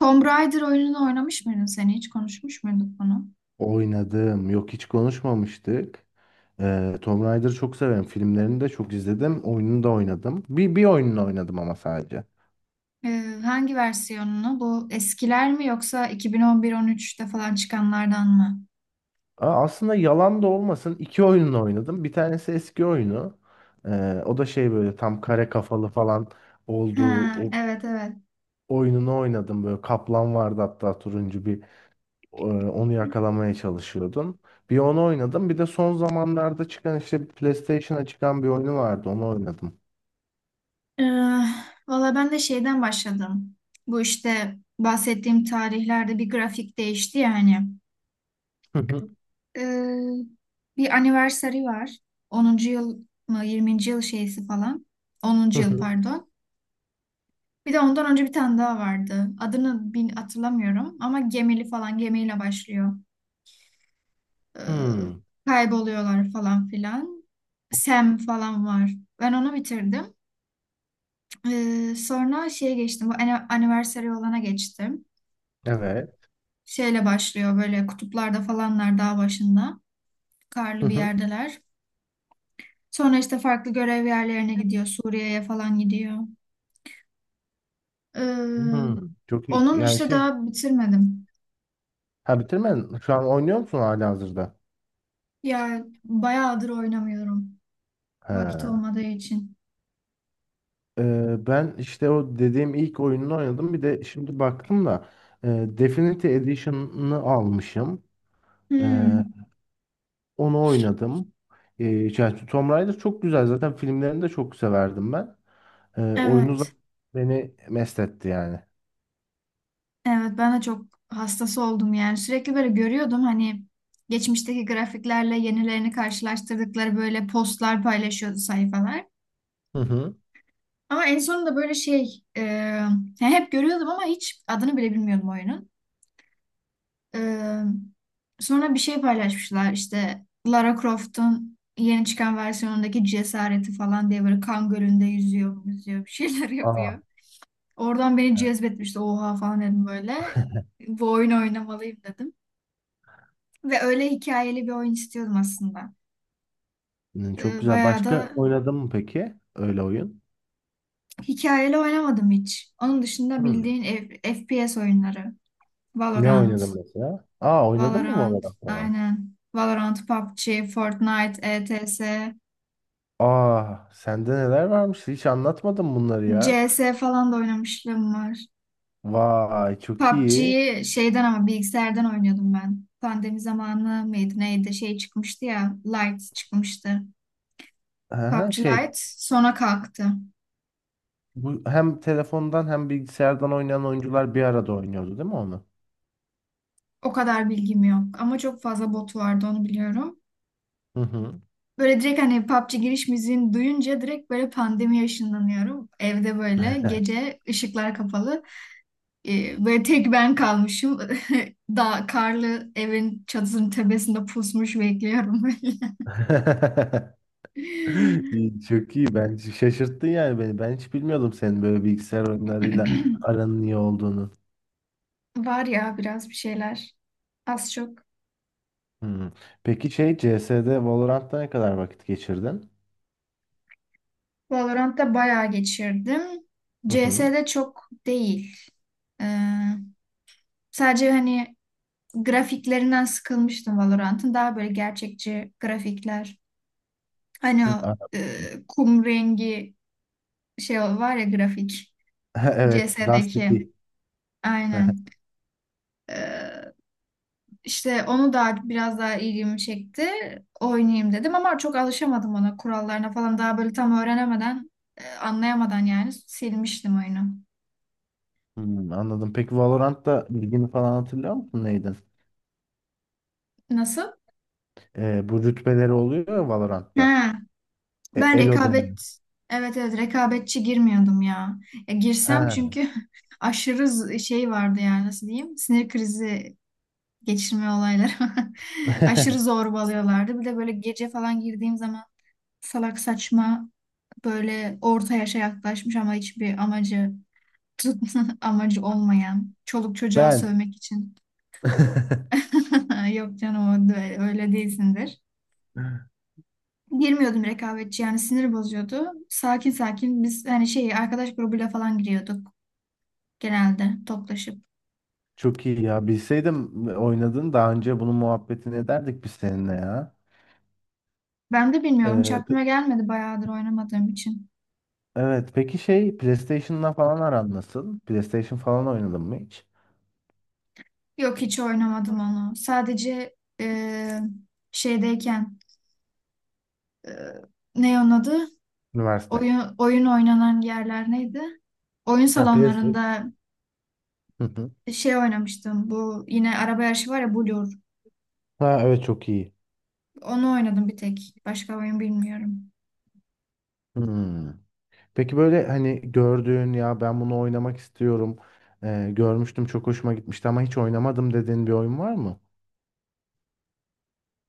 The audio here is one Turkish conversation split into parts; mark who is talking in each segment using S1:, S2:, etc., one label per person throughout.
S1: Tomb Raider oyununu oynamış mıydın sen hiç? Konuşmuş muyduk bunu?
S2: Oynadım. Yok hiç konuşmamıştık. Tomb Raider'ı çok severim. Filmlerini de çok izledim. Oyununu da oynadım. Bir oyununu oynadım ama sadece.
S1: Hangi versiyonunu? Bu eskiler mi yoksa 2011-13'te falan çıkanlardan mı?
S2: Aslında yalan da olmasın, iki oyununu oynadım. Bir tanesi eski oyunu. O da şey, böyle tam kare kafalı falan
S1: Ha,
S2: olduğu o
S1: evet.
S2: oyununu oynadım. Böyle kaplan vardı hatta, turuncu bir, onu yakalamaya çalışıyordun. Bir onu oynadım. Bir de son zamanlarda çıkan, işte PlayStation'a çıkan bir oyunu vardı. Onu oynadım.
S1: Ee, Valla ben de şeyden başladım. Bu işte bahsettiğim tarihlerde bir grafik değişti ya hani.
S2: Hı hı,
S1: Ee, Bir anniversary var. Onuncu yıl mı yirminci yıl şeysi falan.
S2: hı
S1: Onuncu yıl
S2: hı.
S1: pardon. Bir de ondan önce bir tane daha vardı. Adını bin hatırlamıyorum ama gemili falan gemiyle başlıyor. Ee,
S2: Hmm.
S1: Kayboluyorlar falan filan. Sam falan var. Ben onu bitirdim. Sonra şeye geçtim. Bu anniversary olana geçtim.
S2: Evet.
S1: Şeyle başlıyor böyle kutuplarda falanlar dağ başında.
S2: Hı
S1: Karlı bir
S2: hı.
S1: yerdeler. Sonra işte farklı görev yerlerine gidiyor. Suriye'ye falan gidiyor. Ee,
S2: Hmm. Çok iyi.
S1: Onun
S2: Yani
S1: işte
S2: şey.
S1: daha bitirmedim.
S2: Ha, bitirmedin. Şu an oynuyor musun halihazırda?
S1: Ya bayağıdır oynamıyorum.
S2: He.
S1: Vakit olmadığı için.
S2: Ben işte o dediğim ilk oyununu oynadım. Bir de şimdi baktım da, Definitive Edition'ını almışım. Ee,
S1: Hmm,
S2: Onu oynadım. Ee, Yani Tomb Raider çok güzel. Zaten filmlerini de çok severdim ben. Oyunu
S1: evet,
S2: zaten beni mest etti yani.
S1: evet, ben de çok hastası oldum yani. Sürekli böyle görüyordum hani geçmişteki grafiklerle yenilerini karşılaştırdıkları böyle postlar paylaşıyordu sayfalar.
S2: Hı hı.
S1: Ama en sonunda böyle şey yani hep görüyordum ama hiç adını bile bilmiyordum oyunun. E, Sonra bir şey paylaşmışlar işte Lara Croft'un yeni çıkan versiyonundaki cesareti falan diye böyle kan gölünde yüzüyor, yüzüyor bir şeyler
S2: Aa,
S1: yapıyor. Oradan beni
S2: evet.
S1: cezbetmişti. Oha falan dedim böyle. Bu oyunu oynamalıyım dedim. Ve öyle hikayeli bir oyun istiyordum aslında.
S2: Hı, çok güzel.
S1: Bayağı
S2: Başka
S1: da
S2: oynadın mı peki? Öyle oyun.
S1: hikayeli oynamadım hiç. Onun dışında
S2: Hı.
S1: bildiğin FPS oyunları.
S2: Ne
S1: Valorant.
S2: oynadın mesela? Aa, oynadın mı
S1: Valorant.
S2: Valorant falan?
S1: Aynen. Valorant, PUBG, Fortnite, ETS,
S2: Aa, sende neler varmış? Hiç anlatmadın bunları ya.
S1: CS falan da oynamışlığım var.
S2: Vay, çok iyi.
S1: PUBG'yi şeyden ama bilgisayardan oynuyordum ben. Pandemi zamanı mıydı neydi şey çıkmıştı ya. Light çıkmıştı.
S2: Aha,
S1: PUBG
S2: şey,
S1: Lite sonra kalktı.
S2: bu hem telefondan hem bilgisayardan oynayan oyuncular bir arada oynuyordu değil mi onu?
S1: O kadar bilgim yok. Ama çok fazla botu vardı onu biliyorum.
S2: Hı hı.
S1: Böyle direkt hani PUBG giriş müziğini duyunca direkt böyle pandemiye ışınlanıyorum. Evde böyle gece ışıklar kapalı. Böyle tek ben kalmışım. Dağ, karlı evin çatısının tepesinde pusmuş bekliyorum böyle.
S2: İyi, çok iyi. Ben şaşırttın yani beni. Ben hiç bilmiyordum senin böyle bilgisayar oyunlarıyla aranın iyi olduğunu.
S1: Var ya biraz bir şeyler. Az çok.
S2: Hı. Peki şey, CS'de Valorant'ta ne kadar vakit geçirdin?
S1: Valorant'ta bayağı geçirdim.
S2: Hı hı.
S1: CS'de çok değil. Ee, Sadece hani grafiklerinden sıkılmıştım Valorant'ın. Daha böyle gerçekçi grafikler. Hani
S2: Hı.
S1: o e, kum rengi şey var ya grafik.
S2: Evet, Dust
S1: CS'deki.
S2: 2.
S1: Aynen. E, işte onu da biraz daha ilgimi çekti. Oynayayım dedim ama çok alışamadım ona, kurallarına falan. Daha böyle tam öğrenemeden, anlayamadan yani silmiştim oyunu.
S2: Anladım. Peki Valorant'ta bilgini falan hatırlıyor musun? Neydi?
S1: Nasıl?
S2: Bu rütbeleri oluyor ya Valorant'ta.
S1: Ha. Ben
S2: Elo deniyor.
S1: rekabet, evet rekabetçi girmiyordum ya. Ya girsem
S2: Ha.
S1: çünkü aşırı şey vardı yani, nasıl diyeyim? Sinir krizi geçirme olayları. Aşırı zorbalıyorlardı. Bir de böyle gece falan girdiğim zaman salak saçma böyle orta yaşa yaklaşmış ama hiçbir amacı amacı olmayan çoluk çocuğa
S2: Ben.
S1: sövmek için. Yok canım öyle değilsindir. Girmiyordum rekabetçi, yani sinir bozuyordu. Sakin biz hani şey arkadaş grubuyla falan giriyorduk genelde toplaşıp.
S2: Çok iyi ya. Bilseydim oynadın daha önce, bunun muhabbetini ederdik biz seninle ya.
S1: Ben de bilmiyorum, hiç
S2: Ee, pe-
S1: aklıma gelmedi bayağıdır oynamadığım için.
S2: evet. Peki şey, PlayStation'la falan aran nasıl? PlayStation falan oynadın mı hiç?
S1: Yok hiç oynamadım onu. Sadece e, şeydeyken e, ne onun adı?
S2: Üniversite.
S1: Oyun oynanan yerler neydi? Oyun
S2: Ha, PlayStation.
S1: salonlarında
S2: Hı hı.
S1: şey oynamıştım. Bu yine araba yarışı var ya Blur.
S2: Ha, evet, çok iyi.
S1: Onu oynadım bir tek. Başka oyun bilmiyorum.
S2: Hmm. Peki böyle, hani gördüğün ya, ben bunu oynamak istiyorum. Görmüştüm, çok hoşuma gitmişti ama hiç oynamadım dediğin bir oyun var mı?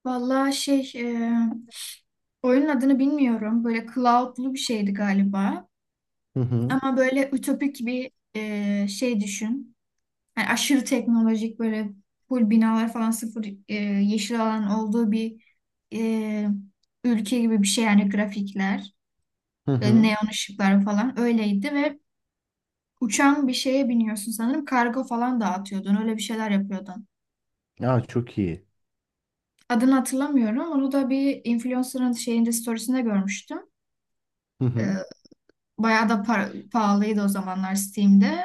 S1: Vallahi şey oyunun adını bilmiyorum. Böyle cloud'lu bir şeydi galiba.
S2: Hı hı.
S1: Ama böyle ütopik bir şey düşün. Yani aşırı teknolojik böyle full binalar falan, sıfır yeşil alan olduğu bir e, ülke gibi bir şey. Yani grafikler,
S2: Hı hı.
S1: neon ışıklar falan öyleydi ve uçan bir şeye biniyorsun, sanırım kargo falan dağıtıyordun, öyle bir şeyler yapıyordun.
S2: Ya, çok iyi.
S1: Adını hatırlamıyorum onu da, bir influencer'ın şeyinde, storiesinde görmüştüm.
S2: Hı
S1: E,
S2: hı.
S1: Bayağı da pahalıydı o zamanlar Steam'de.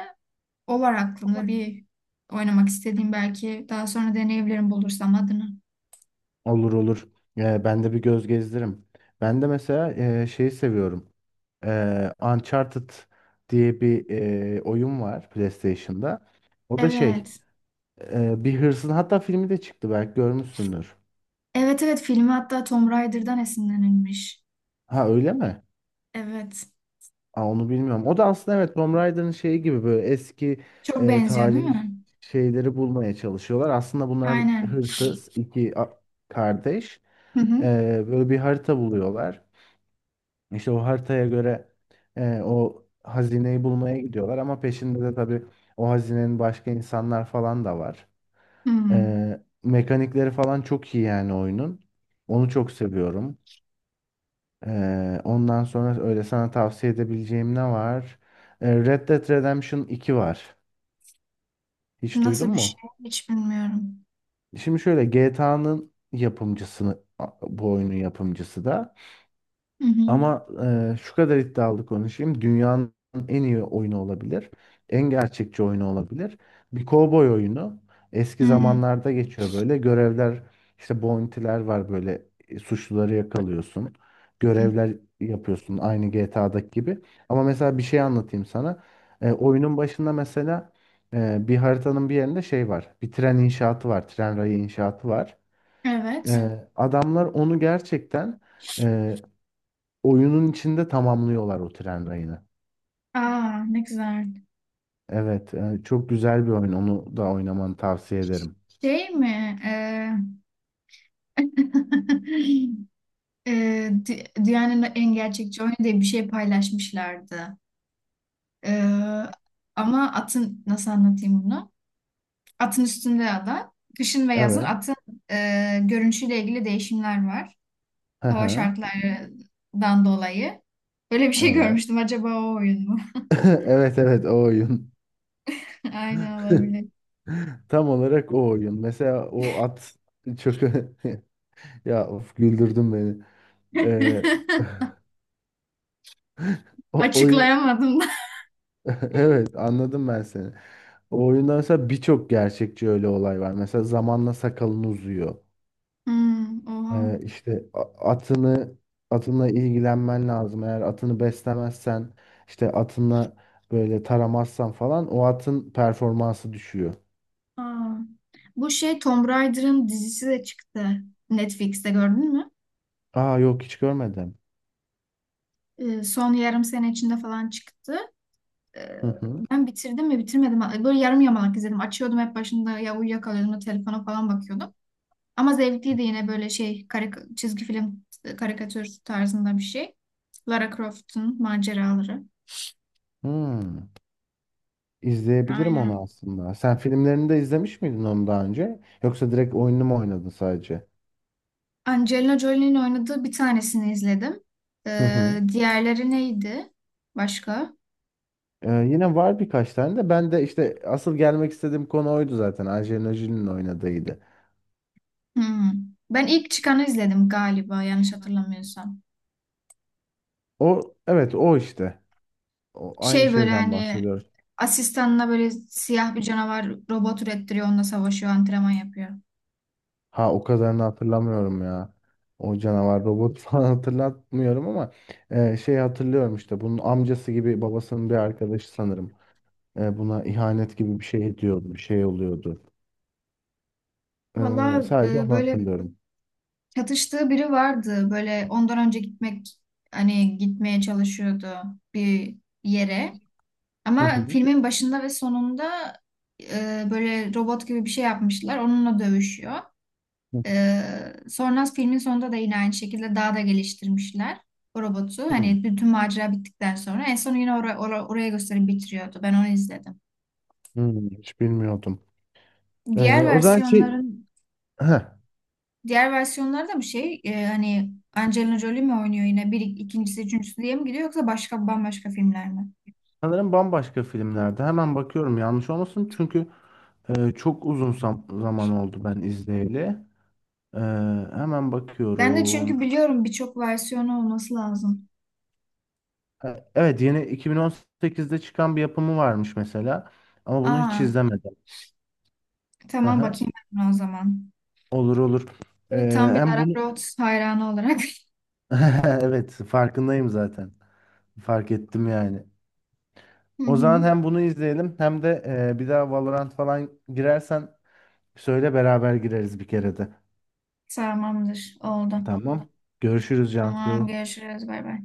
S1: O var aklımda
S2: Var.
S1: bir oynamak istediğim, belki daha sonra deneyebilirim bulursam adını.
S2: Olur olur. Ben de bir göz gezdiririm. Ben de mesela, şeyi seviyorum. Uncharted diye bir, oyun var PlayStation'da. O da şey,
S1: Evet.
S2: bir hırsız, hatta filmi de çıktı, belki görmüşsündür.
S1: Evet, evet, filmi hatta Tomb Raider'dan esinlenilmiş.
S2: Ha, öyle mi?
S1: Evet.
S2: Aa, onu bilmiyorum. O da aslında, evet, Tomb Raider'ın şeyi gibi, böyle eski,
S1: Çok benziyor değil
S2: tarihi
S1: mi?
S2: şeyleri bulmaya çalışıyorlar. Aslında bunlar
S1: Aynen.
S2: hırsız iki kardeş.
S1: Hı hı.
S2: E, Böyle bir harita buluyorlar. İşte o haritaya göre o hazineyi bulmaya gidiyorlar ama peşinde de tabii, o hazinenin, başka insanlar falan da var.
S1: Hı.
S2: Mekanikleri falan çok iyi yani oyunun. Onu çok seviyorum. Ondan sonra öyle sana tavsiye edebileceğim ne var? Red Dead Redemption 2 var. Hiç duydun
S1: Nasıl bir şey
S2: mu?
S1: hiç bilmiyorum.
S2: Şimdi şöyle, GTA'nın yapımcısını, bu oyunun yapımcısı da.
S1: Hı hı.
S2: Ama şu kadar iddialı konuşayım. Dünyanın en iyi oyunu olabilir. En gerçekçi oyunu olabilir. Bir kovboy oyunu. Eski
S1: Hı.
S2: zamanlarda geçiyor böyle. Görevler, işte bounty'ler var böyle. Suçluları yakalıyorsun. Görevler yapıyorsun aynı GTA'daki gibi. Ama mesela bir şey anlatayım sana. Oyunun başında mesela, bir haritanın bir yerinde şey var. Bir tren inşaatı var. Tren rayı inşaatı var.
S1: Evet.
S2: Adamlar onu gerçekten, e, oyunun içinde tamamlıyorlar o tren rayını.
S1: Aa ne güzel.
S2: Evet, çok güzel bir oyun. Onu da oynamanı tavsiye ederim.
S1: Şey mi? Ee, dünyanın en gerçekçi oyunu diye bir şey paylaşmışlardı. Ee, Ama atın, nasıl anlatayım bunu? Atın üstünde ada. Kışın ve yazın
S2: Evet.
S1: atın görünüşüyle ilgili değişimler var.
S2: Hı
S1: Hava
S2: hı.
S1: şartlarından dolayı. Böyle bir şey
S2: Evet.
S1: görmüştüm. Acaba o oyun mu?
S2: Evet evet, o oyun.
S1: Aynen, olabilir.
S2: Tam olarak o oyun. Mesela o at çok ya of, güldürdün beni. Ee, O oyun.
S1: Açıklayamadım da.
S2: Evet, anladım ben seni. O oyundan mesela birçok gerçekçi öyle olay var. Mesela zamanla sakalın uzuyor.
S1: Hmm, oha.
S2: İşte a- atını atınla ilgilenmen lazım. Eğer atını beslemezsen, işte atınla böyle taramazsan falan, o atın performansı düşüyor.
S1: Aa. Bu şey Tomb Raider'ın dizisi de çıktı. Netflix'te gördün mü?
S2: Aa, yok hiç görmedim.
S1: Son yarım sene içinde falan çıktı. Ee,
S2: Hı hı.
S1: Ben bitirdim mi bitirmedim mi? Böyle yarım yamalak izledim. Açıyordum hep başında ya uyuyakalıyordum da telefona falan bakıyordum. Ama zevkliydi yine böyle şey çizgi film karikatür tarzında bir şey. Lara Croft'un maceraları.
S2: Hmm. İzleyebilirim onu
S1: Aynen.
S2: aslında. Sen filmlerini de izlemiş miydin onu daha önce? Yoksa direkt oyununu mu oynadın sadece?
S1: Angelina Jolie'nin oynadığı bir tanesini izledim.
S2: Hı hı.
S1: Diğerleri neydi? Başka?
S2: Yine var birkaç tane de. Ben de işte asıl gelmek istediğim konu oydu zaten. Angelina Jolie'nin oynadığıydı.
S1: Hmm. Ben ilk çıkanı izledim galiba, yanlış hatırlamıyorsam.
S2: O, evet, o işte. O, aynı
S1: Şey böyle
S2: şeyden
S1: hani
S2: bahsediyoruz.
S1: asistanına böyle siyah bir canavar robot ürettiriyor, onunla savaşıyor, antrenman yapıyor.
S2: Ha, o kadarını hatırlamıyorum ya. O canavar robot falan hatırlatmıyorum ama şey, hatırlıyorum, işte bunun amcası gibi, babasının bir arkadaşı sanırım. Buna ihanet gibi bir şey ediyordu, bir şey oluyordu.
S1: Valla
S2: Sadece onu
S1: böyle
S2: hatırlıyorum.
S1: çatıştığı biri vardı, böyle ondan önce gitmek, hani gitmeye çalışıyordu bir yere.
S2: Hı
S1: Ama
S2: hı,
S1: filmin başında ve sonunda böyle robot gibi bir şey yapmışlar, onunla dövüşüyor.
S2: hı
S1: Sonra filmin sonunda da yine aynı şekilde daha da geliştirmişler o robotu.
S2: hı.
S1: Hani bütün macera bittikten sonra en son yine oraya gösterip bitiriyordu. Ben onu izledim.
S2: Hiç bilmiyordum.
S1: Diğer
S2: O zaman şey,
S1: versiyonların
S2: heh,
S1: Diğer versiyonlarda bir şey hani Angelina Jolie mi oynuyor yine, bir ikincisi üçüncüsü diye mi gidiyor, yoksa başka bambaşka filmler mi?
S2: sanırım bambaşka filmlerde. Hemen bakıyorum yanlış olmasın, çünkü çok uzun zaman oldu ben izleyeli. E, Hemen
S1: Ben de
S2: bakıyorum.
S1: çünkü biliyorum birçok versiyonu olması lazım.
S2: Evet, yeni 2018'de çıkan bir yapımı varmış mesela. Ama bunu hiç
S1: Aa
S2: izlemedim. Hı
S1: tamam,
S2: hı.
S1: bakayım ben buna o zaman.
S2: Olur olur. E,
S1: Tam bir
S2: Hem
S1: Lara
S2: bunu
S1: Croft hayranı olarak.
S2: evet, farkındayım zaten. Fark ettim yani.
S1: Hı
S2: O
S1: hı.
S2: zaman hem bunu izleyelim, hem de bir daha Valorant falan girersen söyle, beraber gireriz bir kere de.
S1: Tamamdır, oldu.
S2: Tamam. Tamam. Görüşürüz
S1: Tamam,
S2: Cansu.
S1: görüşürüz. Bay bay.